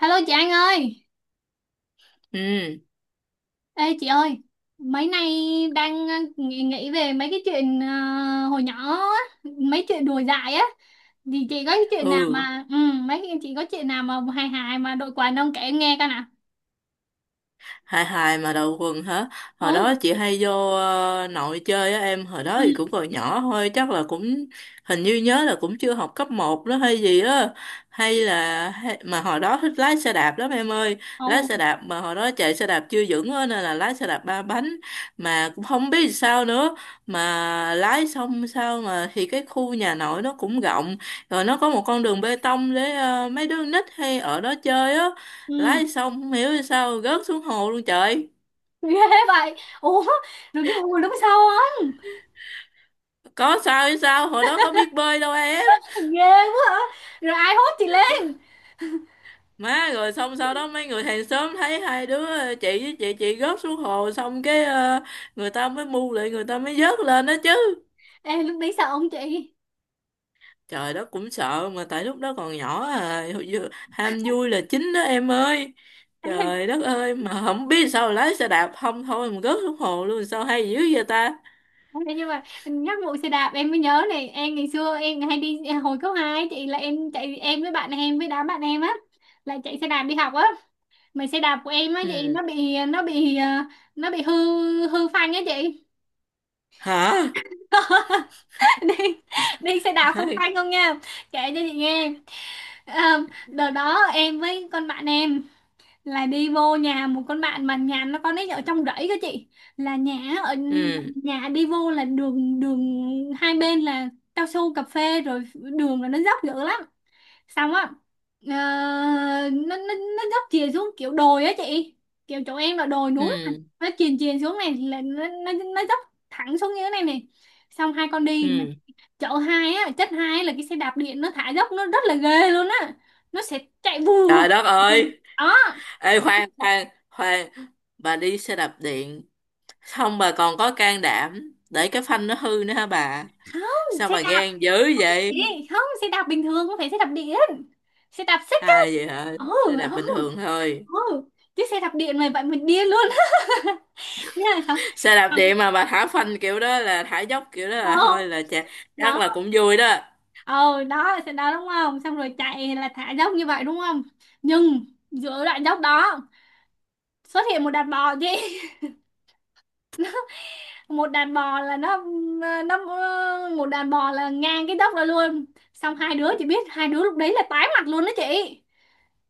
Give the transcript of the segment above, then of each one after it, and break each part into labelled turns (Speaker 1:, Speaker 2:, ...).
Speaker 1: Hello chị Anh ơi,
Speaker 2: Ừ,
Speaker 1: ê chị ơi, mấy nay đang nghĩ về mấy cái chuyện hồi nhỏ á, mấy chuyện đùa dại á, thì chị có cái chuyện nào
Speaker 2: ừ,
Speaker 1: mà, mấy cái chị có chuyện nào mà hài hài mà đội quần ông kể em nghe coi nào.
Speaker 2: hài hài mà đầu quần hả? Hồi
Speaker 1: Ừ,
Speaker 2: đó chị hay vô nội chơi á em, hồi đó
Speaker 1: ừ,
Speaker 2: thì cũng còn nhỏ thôi, chắc là cũng hình như nhớ là cũng chưa học cấp một đó hay gì á. Hay là hay, mà hồi đó thích lái xe đạp lắm em ơi, lái
Speaker 1: ồ,
Speaker 2: xe đạp mà hồi đó chạy xe đạp chưa vững á nên là lái xe đạp ba bánh, mà cũng không biết sao nữa mà lái xong sao mà, thì cái khu nhà nội nó cũng rộng, rồi nó có một con đường bê tông để mấy đứa nít hay ở đó chơi á.
Speaker 1: ừ,
Speaker 2: Lái xong không hiểu vì sao rớt xuống hồ luôn trời,
Speaker 1: ghê vậy, ủa, rồi cái hồi lúc sau không,
Speaker 2: có sao hay sao, hồi đó có biết bơi đâu em.
Speaker 1: ghê quá hả, rồi ai hốt chị lên,
Speaker 2: Má, rồi xong sau đó mấy người hàng xóm thấy hai đứa chị với chị rớt xuống hồ, xong cái người ta mới mu lại, người ta mới vớt lên đó chứ.
Speaker 1: ê lúc đấy sợ không chị,
Speaker 2: Trời, đó cũng sợ mà tại lúc đó còn nhỏ à, hồi ham vui là chính đó em ơi. Trời đất ơi, mà không biết sao lái xe đạp không thôi mà rớt xuống hồ luôn, sao hay dữ vậy ta.
Speaker 1: Thế nhưng mà nhắc vụ xe đạp em mới nhớ này, em ngày xưa em hay đi hồi cấp 2 chị, là em chạy em với bạn em với đám bạn em á, là chạy xe đạp đi học á, mà xe đạp của em á chị
Speaker 2: Ừ.
Speaker 1: nó bị nó bị hư, hư phanh á chị.
Speaker 2: Hả?
Speaker 1: Đi, đi xe đạp không
Speaker 2: Hay.
Speaker 1: phanh không nha, kể cho chị nghe. Ờ, Đợt đó em với con bạn em là đi vô nhà một con bạn mà nhà nó, con ấy ở trong rẫy cơ chị, là nhà ở,
Speaker 2: Ừ,
Speaker 1: nhà đi vô là đường, đường hai bên là cao su cà phê, rồi đường là nó dốc dữ lắm. Xong á, ờ, nó dốc chìa xuống kiểu đồi á chị, kiểu chỗ em là đồi núi mà.
Speaker 2: ừ,
Speaker 1: Nó chìa chìa xuống này là nó dốc thẳng xuống như thế này này. Xong hai con đi mà
Speaker 2: ừ.
Speaker 1: chợ hai á, chất hai là cái xe đạp điện nó thả dốc nó rất là ghê luôn á, nó sẽ chạy vù
Speaker 2: Trời đất
Speaker 1: vù.
Speaker 2: ơi,
Speaker 1: Đó,
Speaker 2: ê khoan khoan khoan, bà đi xe đạp điện, xong bà còn có can đảm để cái phanh nó hư nữa hả bà?
Speaker 1: không
Speaker 2: Sao
Speaker 1: xe
Speaker 2: bà
Speaker 1: đạp
Speaker 2: gan dữ vậy?
Speaker 1: gì, không xe đạp bình thường, không phải xe đạp điện, xe đạp xích á.
Speaker 2: À vậy hả?
Speaker 1: Ừ,
Speaker 2: Xe đạp bình
Speaker 1: ừ,
Speaker 2: thường thôi.
Speaker 1: ừ, chứ xe đạp điện này vậy mình điên luôn. Thế là xong,
Speaker 2: Xe đạp
Speaker 1: xong-
Speaker 2: điện mà bà thả phanh kiểu đó, là thả dốc kiểu đó
Speaker 1: ờ,
Speaker 2: là thôi là chà, chắc
Speaker 1: đó.
Speaker 2: là cũng vui đó.
Speaker 1: Ờ đó là xe đó đúng không, xong rồi chạy là thả dốc như vậy đúng không, nhưng giữa đoạn dốc đó xuất hiện một đàn bò chị. Một đàn bò là nó một đàn bò là ngang cái dốc đó luôn, xong hai đứa, chị biết hai đứa lúc đấy là tái mặt luôn đó chị,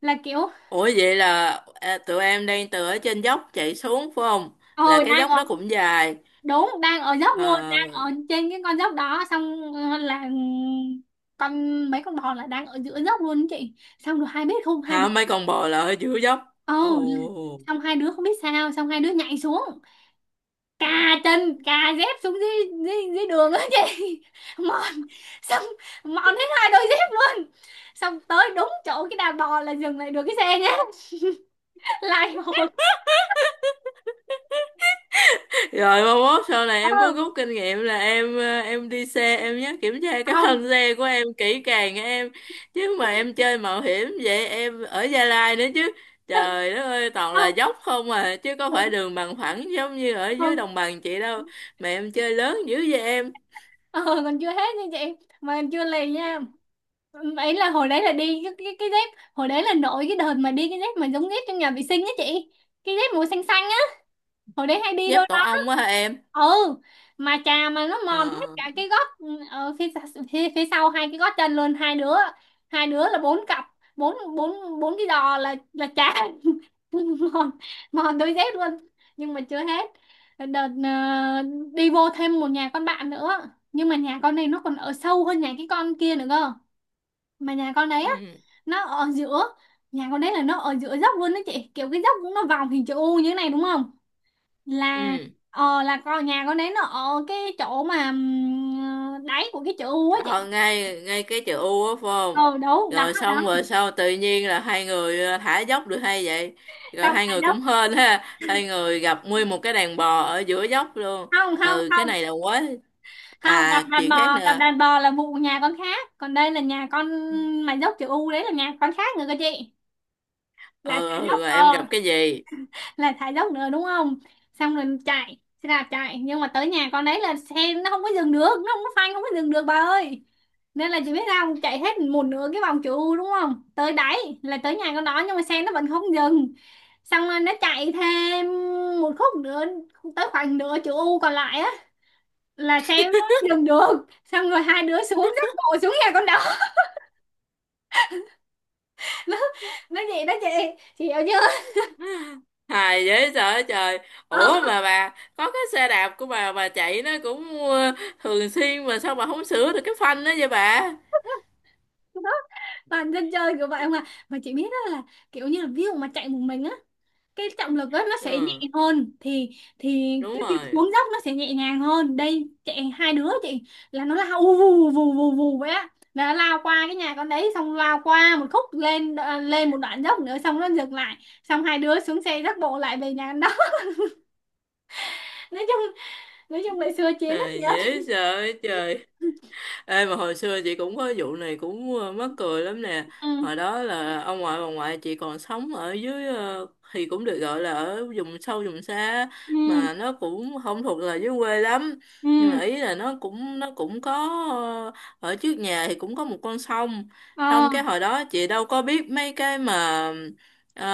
Speaker 1: là kiểu
Speaker 2: Ủa vậy là à, tụi em đang từ ở trên dốc chạy xuống phải không? Là
Speaker 1: ờ
Speaker 2: cái
Speaker 1: đang
Speaker 2: dốc
Speaker 1: ở,
Speaker 2: đó cũng dài.
Speaker 1: đúng đang ở dốc luôn,
Speaker 2: À,
Speaker 1: đang ở trên cái con dốc đó. Xong là mấy con bò là đang ở giữa dốc luôn đó chị, xong rồi hai biết không, hai đứa,
Speaker 2: hả, mấy con bò là ở giữa dốc.
Speaker 1: ồ, là-
Speaker 2: Ồ.
Speaker 1: xong hai đứa không biết sao, xong hai đứa nhảy xuống, cà chân, cà dép xuống dưới, dưới đường á chị. Mòn, xong mòn hết hai đôi dép luôn, xong tới đúng chỗ cái đàn bò là dừng lại được cái xe nhá. Lại hồi
Speaker 2: Rồi mai mốt sau này
Speaker 1: ờ,
Speaker 2: em có rút kinh nghiệm là em đi xe, em nhớ kiểm tra cái
Speaker 1: không.
Speaker 2: phanh xe của em kỹ càng nha em, chứ mà em chơi mạo hiểm vậy, em ở Gia Lai nữa chứ, trời đất ơi toàn là
Speaker 1: Không
Speaker 2: dốc không à, chứ có
Speaker 1: ờ,
Speaker 2: phải đường bằng phẳng giống như ở dưới
Speaker 1: không,
Speaker 2: đồng bằng chị đâu, mà em chơi lớn dữ vậy em.
Speaker 1: ờ, còn chưa hết nha chị, mà còn chưa lì nha. Ấy là hồi đấy là đi cái cái dép, hồi đấy là nổi cái đợt mà đi cái dép mà giống dép trong nhà vệ sinh á chị, cái dép màu xanh xanh á, hồi đấy hay đi
Speaker 2: Dép
Speaker 1: đôi đó.
Speaker 2: tổ ong quá hả em?
Speaker 1: Ừ, mà chà mà nó mòn hết
Speaker 2: Ờ.
Speaker 1: cả cái gót, ở phía phía sau hai cái gót chân luôn, hai đứa, hai đứa là bốn cặp, bốn bốn bốn cái giò là chà. Mòn, mòn đôi dép luôn, nhưng mà chưa hết. Đợt đi vô thêm một nhà con bạn nữa, nhưng mà nhà con này nó còn ở sâu hơn nhà cái con kia nữa cơ. Mà nhà con đấy á,
Speaker 2: Ừ,
Speaker 1: nó ở giữa, nhà con đấy là nó ở giữa dốc luôn đó chị, kiểu cái dốc cũng nó vòng hình chữ U như thế này đúng không, là
Speaker 2: ừ.
Speaker 1: ờ là con, nhà con đấy nó ở cái chỗ mà đáy của cái chữ U á
Speaker 2: Ờ,
Speaker 1: chị.
Speaker 2: ngay ngay cái chữ U á phải không,
Speaker 1: Ờ đúng đó
Speaker 2: rồi
Speaker 1: đó,
Speaker 2: xong rồi sau tự nhiên là hai người thả dốc được, hay vậy, rồi
Speaker 1: xong
Speaker 2: hai
Speaker 1: cả
Speaker 2: người
Speaker 1: dốc,
Speaker 2: cũng hên ha, hai người gặp nguyên một cái đàn bò ở giữa dốc luôn. Ừ, cái
Speaker 1: không,
Speaker 2: này là quá.
Speaker 1: không gặp
Speaker 2: À,
Speaker 1: đàn
Speaker 2: chuyện khác
Speaker 1: bò, gặp
Speaker 2: nữa.
Speaker 1: đàn bò là vụ nhà con khác, còn đây là nhà con mà dốc chữ U đấy, là nhà con khác nữa cơ chị. Là
Speaker 2: Ờ, ờ,
Speaker 1: cả dốc
Speaker 2: ừ mà em
Speaker 1: ờ,
Speaker 2: gặp cái gì.
Speaker 1: là thả dốc nữa đúng không, xong rồi chạy xe đạp chạy, nhưng mà tới nhà con đấy là xe nó không có dừng được, nó không có phanh, không có dừng được bà ơi. Nên là chị biết sao không? Chạy hết một nửa cái vòng chữ U đúng không, tới đáy là tới nhà con đó, nhưng mà xe nó vẫn không dừng, xong rồi nó chạy thêm một khúc nữa, tới khoảng nửa chữ U còn lại á, là xe nó dừng được, xong rồi hai đứa xuống dắt bộ xuống nhà con đó. nó nó gì đó chị hiểu chưa?
Speaker 2: Hài dễ sợ trời. Ủa mà bà có cái xe đạp của bà chạy nó cũng thường xuyên, mà sao bà không sửa được cái phanh đó vậy bà.
Speaker 1: Ờ. Toàn dân chơi kiểu vậy mà chị biết đó là kiểu như là ví dụ mà chạy một mình á, cái trọng lực á nó sẽ nhẹ
Speaker 2: Ừ,
Speaker 1: hơn thì
Speaker 2: đúng
Speaker 1: cái việc
Speaker 2: rồi.
Speaker 1: xuống dốc nó sẽ nhẹ nhàng hơn, đây chạy hai đứa chị, là nó lao vù vù vù vù vù vậy á, là nó lao qua cái nhà con đấy, xong lao qua một khúc lên, lên một đoạn dốc nữa xong nó dừng lại, xong hai đứa xuống xe dắt bộ lại về nhà con đó. nói chung nói chung là xưa chiến
Speaker 2: À,
Speaker 1: rất nhiều.
Speaker 2: dễ sợ trời. Ê, mà hồi xưa chị cũng có vụ này cũng mắc cười lắm nè. Hồi
Speaker 1: Ừ,
Speaker 2: đó là ông ngoại bà ngoại chị còn sống ở dưới thì cũng được gọi là ở vùng sâu vùng xa,
Speaker 1: ừ,
Speaker 2: mà nó cũng không thuộc là dưới quê lắm.
Speaker 1: ừ,
Speaker 2: Nhưng mà ý là nó cũng có ờ, ở trước nhà thì cũng có một con sông.
Speaker 1: ờ,
Speaker 2: Không, cái hồi đó chị đâu có biết mấy cái mà ờ,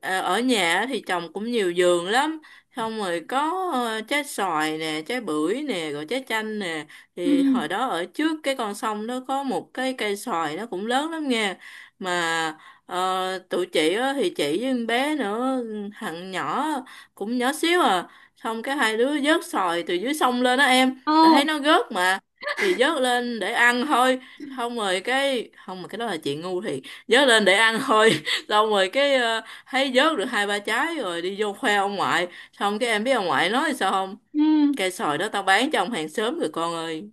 Speaker 2: ờ, ở nhà thì trồng cũng nhiều vườn lắm. Xong rồi có trái xoài nè, trái bưởi nè, rồi trái chanh nè,
Speaker 1: ừ,
Speaker 2: thì hồi đó ở trước cái con sông đó có một cái cây xoài nó cũng lớn lắm nha, mà tụi chị á, thì chị với con bé nữa, thằng nhỏ cũng nhỏ xíu à, xong cái hai đứa vớt xoài từ dưới sông lên đó em, tại
Speaker 1: ờ,
Speaker 2: thấy nó rớt mà, thì vớt lên để ăn thôi. Xong rồi cái không, mà cái đó là chuyện ngu, thì vớt lên để ăn thôi. Xong rồi cái thấy vớt được hai ba trái rồi đi vô khoe ông ngoại, xong cái em biết ông ngoại nói sao không,
Speaker 1: ừ.
Speaker 2: cây xoài đó tao bán cho ông hàng xóm rồi con ơi.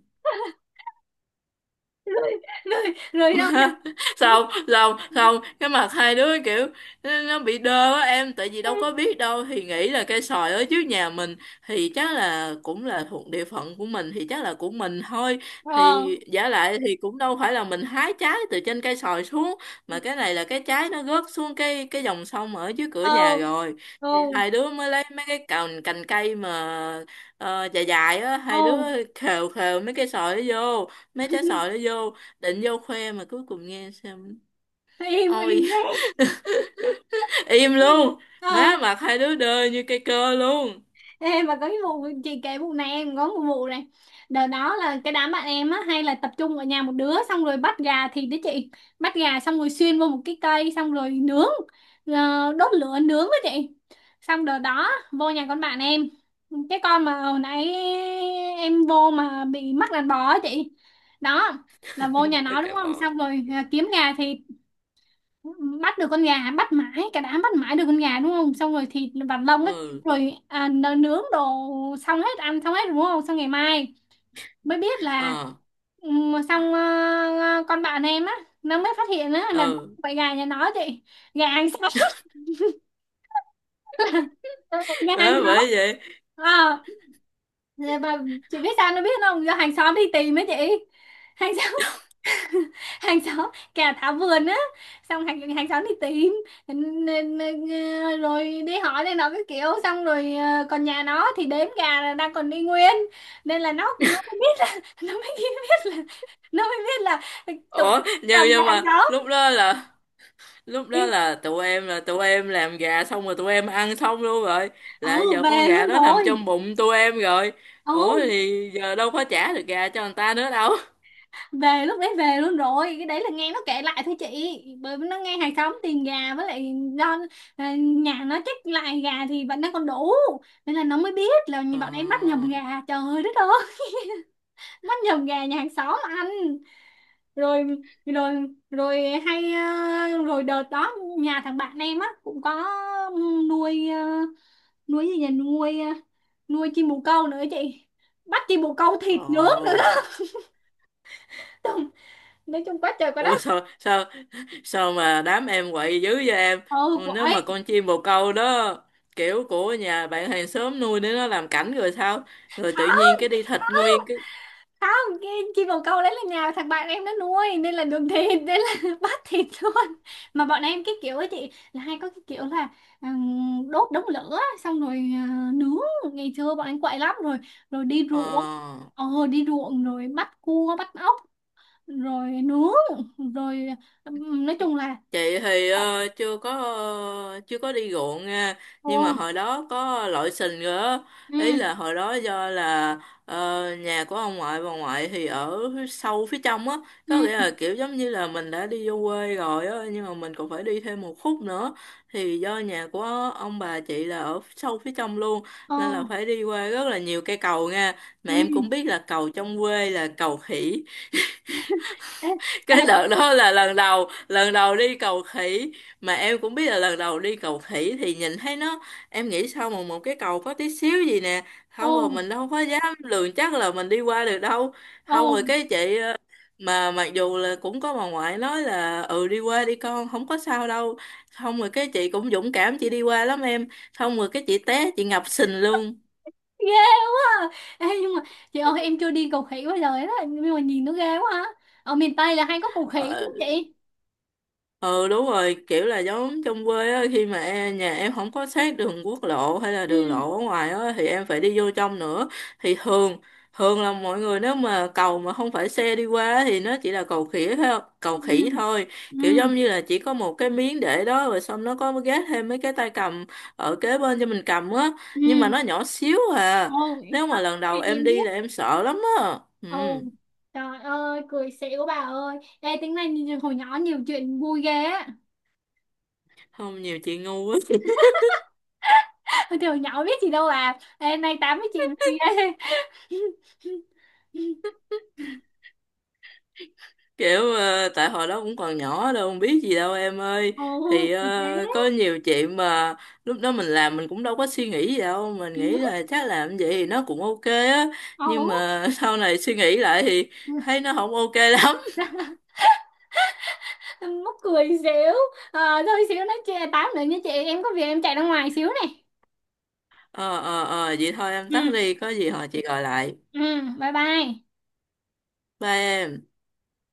Speaker 1: rồi rồi
Speaker 2: Mà
Speaker 1: Rồi đâu nhá.
Speaker 2: sao sao không, cái mặt hai đứa kiểu, nó bị đơ á em, tại vì đâu có biết đâu, thì nghĩ là cây xoài ở trước nhà mình thì chắc là cũng là thuộc địa phận của mình, thì chắc là của mình thôi,
Speaker 1: Ờ,
Speaker 2: thì giả lại thì cũng đâu phải là mình hái trái từ trên cây xoài xuống, mà cái này là cái trái nó rớt xuống cái dòng sông ở dưới cửa
Speaker 1: ờ,
Speaker 2: nhà rồi, thì
Speaker 1: ừ,
Speaker 2: hai đứa mới lấy mấy cái cành cành cây mà dài dài á, hai đứa
Speaker 1: ừ,
Speaker 2: khều khều mấy cây xoài nó vô, mấy trái xoài nó vô, định vô khoe, mà cuối cùng nghe xem.
Speaker 1: im
Speaker 2: Ôi.
Speaker 1: im đấy,
Speaker 2: Im luôn.
Speaker 1: ờ.
Speaker 2: Má, mặt hai đứa đơ như cây cơ luôn.
Speaker 1: Ê, mà có cái vụ chị kể vụ này, em có một vụ này. Đợt đó là cái đám bạn em á hay là tập trung ở nhà một đứa, xong rồi bắt gà thịt đấy chị. Bắt gà xong rồi xuyên vô một cái cây xong rồi nướng, đốt lửa nướng đó chị. Xong đợt đó vô nhà con bạn em, cái con mà hồi nãy em vô mà bị mắc đàn bò á chị, đó, là vô nhà
Speaker 2: Tôi
Speaker 1: nó đúng
Speaker 2: cả
Speaker 1: không,
Speaker 2: bò.
Speaker 1: xong rồi kiếm gà thịt, bắt được con gà, bắt mãi, cả đám bắt mãi được con gà đúng không, xong rồi thịt và lông ấy,
Speaker 2: Ừ.
Speaker 1: rồi nướng đồ, xong hết ăn xong hết đúng không, xong ngày mai mới biết là
Speaker 2: Ờ.
Speaker 1: xong con bạn em á nó mới phát hiện á là
Speaker 2: Ừ.
Speaker 1: vậy gà nhà nó chị, gà hàng xóm. Gà hàng
Speaker 2: Má
Speaker 1: xóm.
Speaker 2: bởi vậy.
Speaker 1: Ờ, và chị biết sao nó biết không, do hàng xóm đi tìm ấy chị, hàng xóm, hàng xóm kẻ tháo vườn á, xong hàng hàng xóm thì tìm, N- n- rồi đi hỏi này nó cái kiểu, xong rồi còn nhà nó thì đếm gà là đang còn đi nguyên, nên là nó mới biết là, nó mới biết là nó mới biết là tụi,
Speaker 2: Ủa, nhưng
Speaker 1: chồng nhà
Speaker 2: nhưng
Speaker 1: hàng
Speaker 2: mà
Speaker 1: xóm.
Speaker 2: lúc đó là,
Speaker 1: Ý,
Speaker 2: tụi em làm gà xong rồi, tụi em ăn xong luôn rồi, là
Speaker 1: ừ
Speaker 2: giờ con
Speaker 1: về
Speaker 2: gà
Speaker 1: luôn
Speaker 2: đó nằm
Speaker 1: rồi,
Speaker 2: trong bụng tụi em rồi, ủa
Speaker 1: ừ,
Speaker 2: thì giờ đâu có trả được gà cho người ta nữa đâu.
Speaker 1: về lúc đấy về luôn rồi, cái đấy là nghe nó kể lại thôi chị, bởi vì nó nghe hàng xóm tiền gà, với lại do nhà nó chết lại gà thì vẫn đang còn đủ, nên là nó mới biết là
Speaker 2: Ờ.
Speaker 1: bọn em bắt nhầm gà. Trời đất ơi. Bắt nhầm gà nhà hàng xóm ăn. Rồi rồi Rồi hay, rồi đợt đó nhà thằng bạn em á cũng có nuôi nuôi gì nhỉ, nuôi nuôi chim bồ câu nữa chị, bắt chim bồ câu thịt
Speaker 2: Ồ.
Speaker 1: nướng nữa. Nói chung quá trời quá
Speaker 2: Ủa
Speaker 1: đất.
Speaker 2: sao sao sao mà đám em quậy dữ vậy em.
Speaker 1: Ừ,
Speaker 2: Ừ, nếu mà
Speaker 1: quậy,
Speaker 2: con chim bồ câu đó kiểu của nhà bạn hàng xóm nuôi để nó làm cảnh rồi sao, rồi tự nhiên
Speaker 1: khó,
Speaker 2: cái đi thịt nguyên cái.
Speaker 1: không cái chim bồ câu đấy là nhà thằng bạn em nó nuôi nên là đường thịt, nên là bắt thịt luôn. Mà bọn em cái kiểu ấy chị là hay có cái kiểu là đốt đống lửa xong rồi nướng, ngày xưa bọn em quậy lắm. Rồi rồi đi
Speaker 2: Ờ,
Speaker 1: ruộng, ờ, đi ruộng rồi bắt cua bắt ốc rồi nướng rồi nói chung là
Speaker 2: chị thì
Speaker 1: quậy.
Speaker 2: chưa có, chưa có đi ruộng nha,
Speaker 1: Ồ,
Speaker 2: nhưng mà hồi đó có lội sình rồi á.
Speaker 1: ừ,
Speaker 2: Ý là hồi đó do là nhà của ông ngoại bà ngoại thì ở sâu phía trong á, có nghĩa
Speaker 1: ừ,
Speaker 2: là kiểu giống như là mình đã đi vô quê rồi á, nhưng mà mình còn phải đi thêm một khúc nữa, thì do nhà của ông bà chị là ở sâu phía trong luôn,
Speaker 1: ờ,
Speaker 2: nên là phải đi qua rất là nhiều cây cầu nha, mà em cũng
Speaker 1: ừ.
Speaker 2: biết là cầu trong quê là cầu khỉ.
Speaker 1: Ê, ê,
Speaker 2: Cái đợt đó là lần đầu đi cầu khỉ, mà em cũng biết là lần đầu đi cầu khỉ thì nhìn thấy nó, em nghĩ sao mà một cái cầu có tí xíu gì nè, không
Speaker 1: ồ,
Speaker 2: rồi mình đâu có dám lường chắc là mình đi qua được đâu,
Speaker 1: ồ,
Speaker 2: không rồi cái chị mà mặc dù là cũng có bà ngoại nói là ừ đi qua đi con không có sao đâu, xong rồi cái chị cũng dũng cảm chị đi qua lắm em, xong rồi cái chị té chị ngập sình luôn.
Speaker 1: ghê quá à. Ê, nhưng mà chị ơi em chưa đi cầu khỉ bao giờ hết á, nhưng mà nhìn nó ghê quá à. Ở miền Tây là hay có cầu khỉ đúng
Speaker 2: Ờ,
Speaker 1: không chị?
Speaker 2: ừ đúng rồi, kiểu là giống trong quê á, khi mà em, nhà em không có sát đường quốc lộ hay là
Speaker 1: Ừ,
Speaker 2: đường lộ ở ngoài á, thì em phải đi vô trong nữa, thì thường thường là mọi người, nếu mà cầu mà không phải xe đi qua thì nó chỉ là cầu khỉ thôi, cầu
Speaker 1: ừ,
Speaker 2: khỉ thôi, kiểu
Speaker 1: ừ,
Speaker 2: giống như là chỉ có một cái miếng để đó, rồi xong nó có gác thêm mấy cái tay cầm ở kế bên cho mình cầm á,
Speaker 1: ừ,
Speaker 2: nhưng mà nó nhỏ xíu à,
Speaker 1: ồ,
Speaker 2: nếu mà lần đầu em
Speaker 1: em
Speaker 2: đi
Speaker 1: biết,
Speaker 2: là em sợ lắm á. Ừ,
Speaker 1: ồ, trời ơi cười xỉu bà ơi. Ê tính này nhìn hồi nhỏ nhiều chuyện vui ghê á.
Speaker 2: không, nhiều chuyện ngu quá,
Speaker 1: Thì hồi nhỏ biết gì đâu à, ê nay tám với chị vui ghê.
Speaker 2: kiểu tại hồi đó cũng còn nhỏ đâu không biết gì đâu em ơi,
Speaker 1: Ồ,
Speaker 2: thì
Speaker 1: thì thế,
Speaker 2: có nhiều chuyện mà lúc đó mình làm mình cũng đâu có suy nghĩ gì đâu, mình nghĩ
Speaker 1: ừ,
Speaker 2: là chắc làm vậy thì nó cũng ok á,
Speaker 1: ồ,
Speaker 2: nhưng mà sau này suy nghĩ lại thì
Speaker 1: ừ.
Speaker 2: thấy nó không ok lắm.
Speaker 1: Mắc cười xíu. Ờ, thôi xíu nói chuyện tám nữa nha chị, em có việc em chạy ra ngoài xíu này.
Speaker 2: Ờ, ờ, ờ, vậy thôi em tắt
Speaker 1: Ừ,
Speaker 2: đi, có gì hồi chị gọi lại.
Speaker 1: ừ, bye bye.
Speaker 2: Bye em.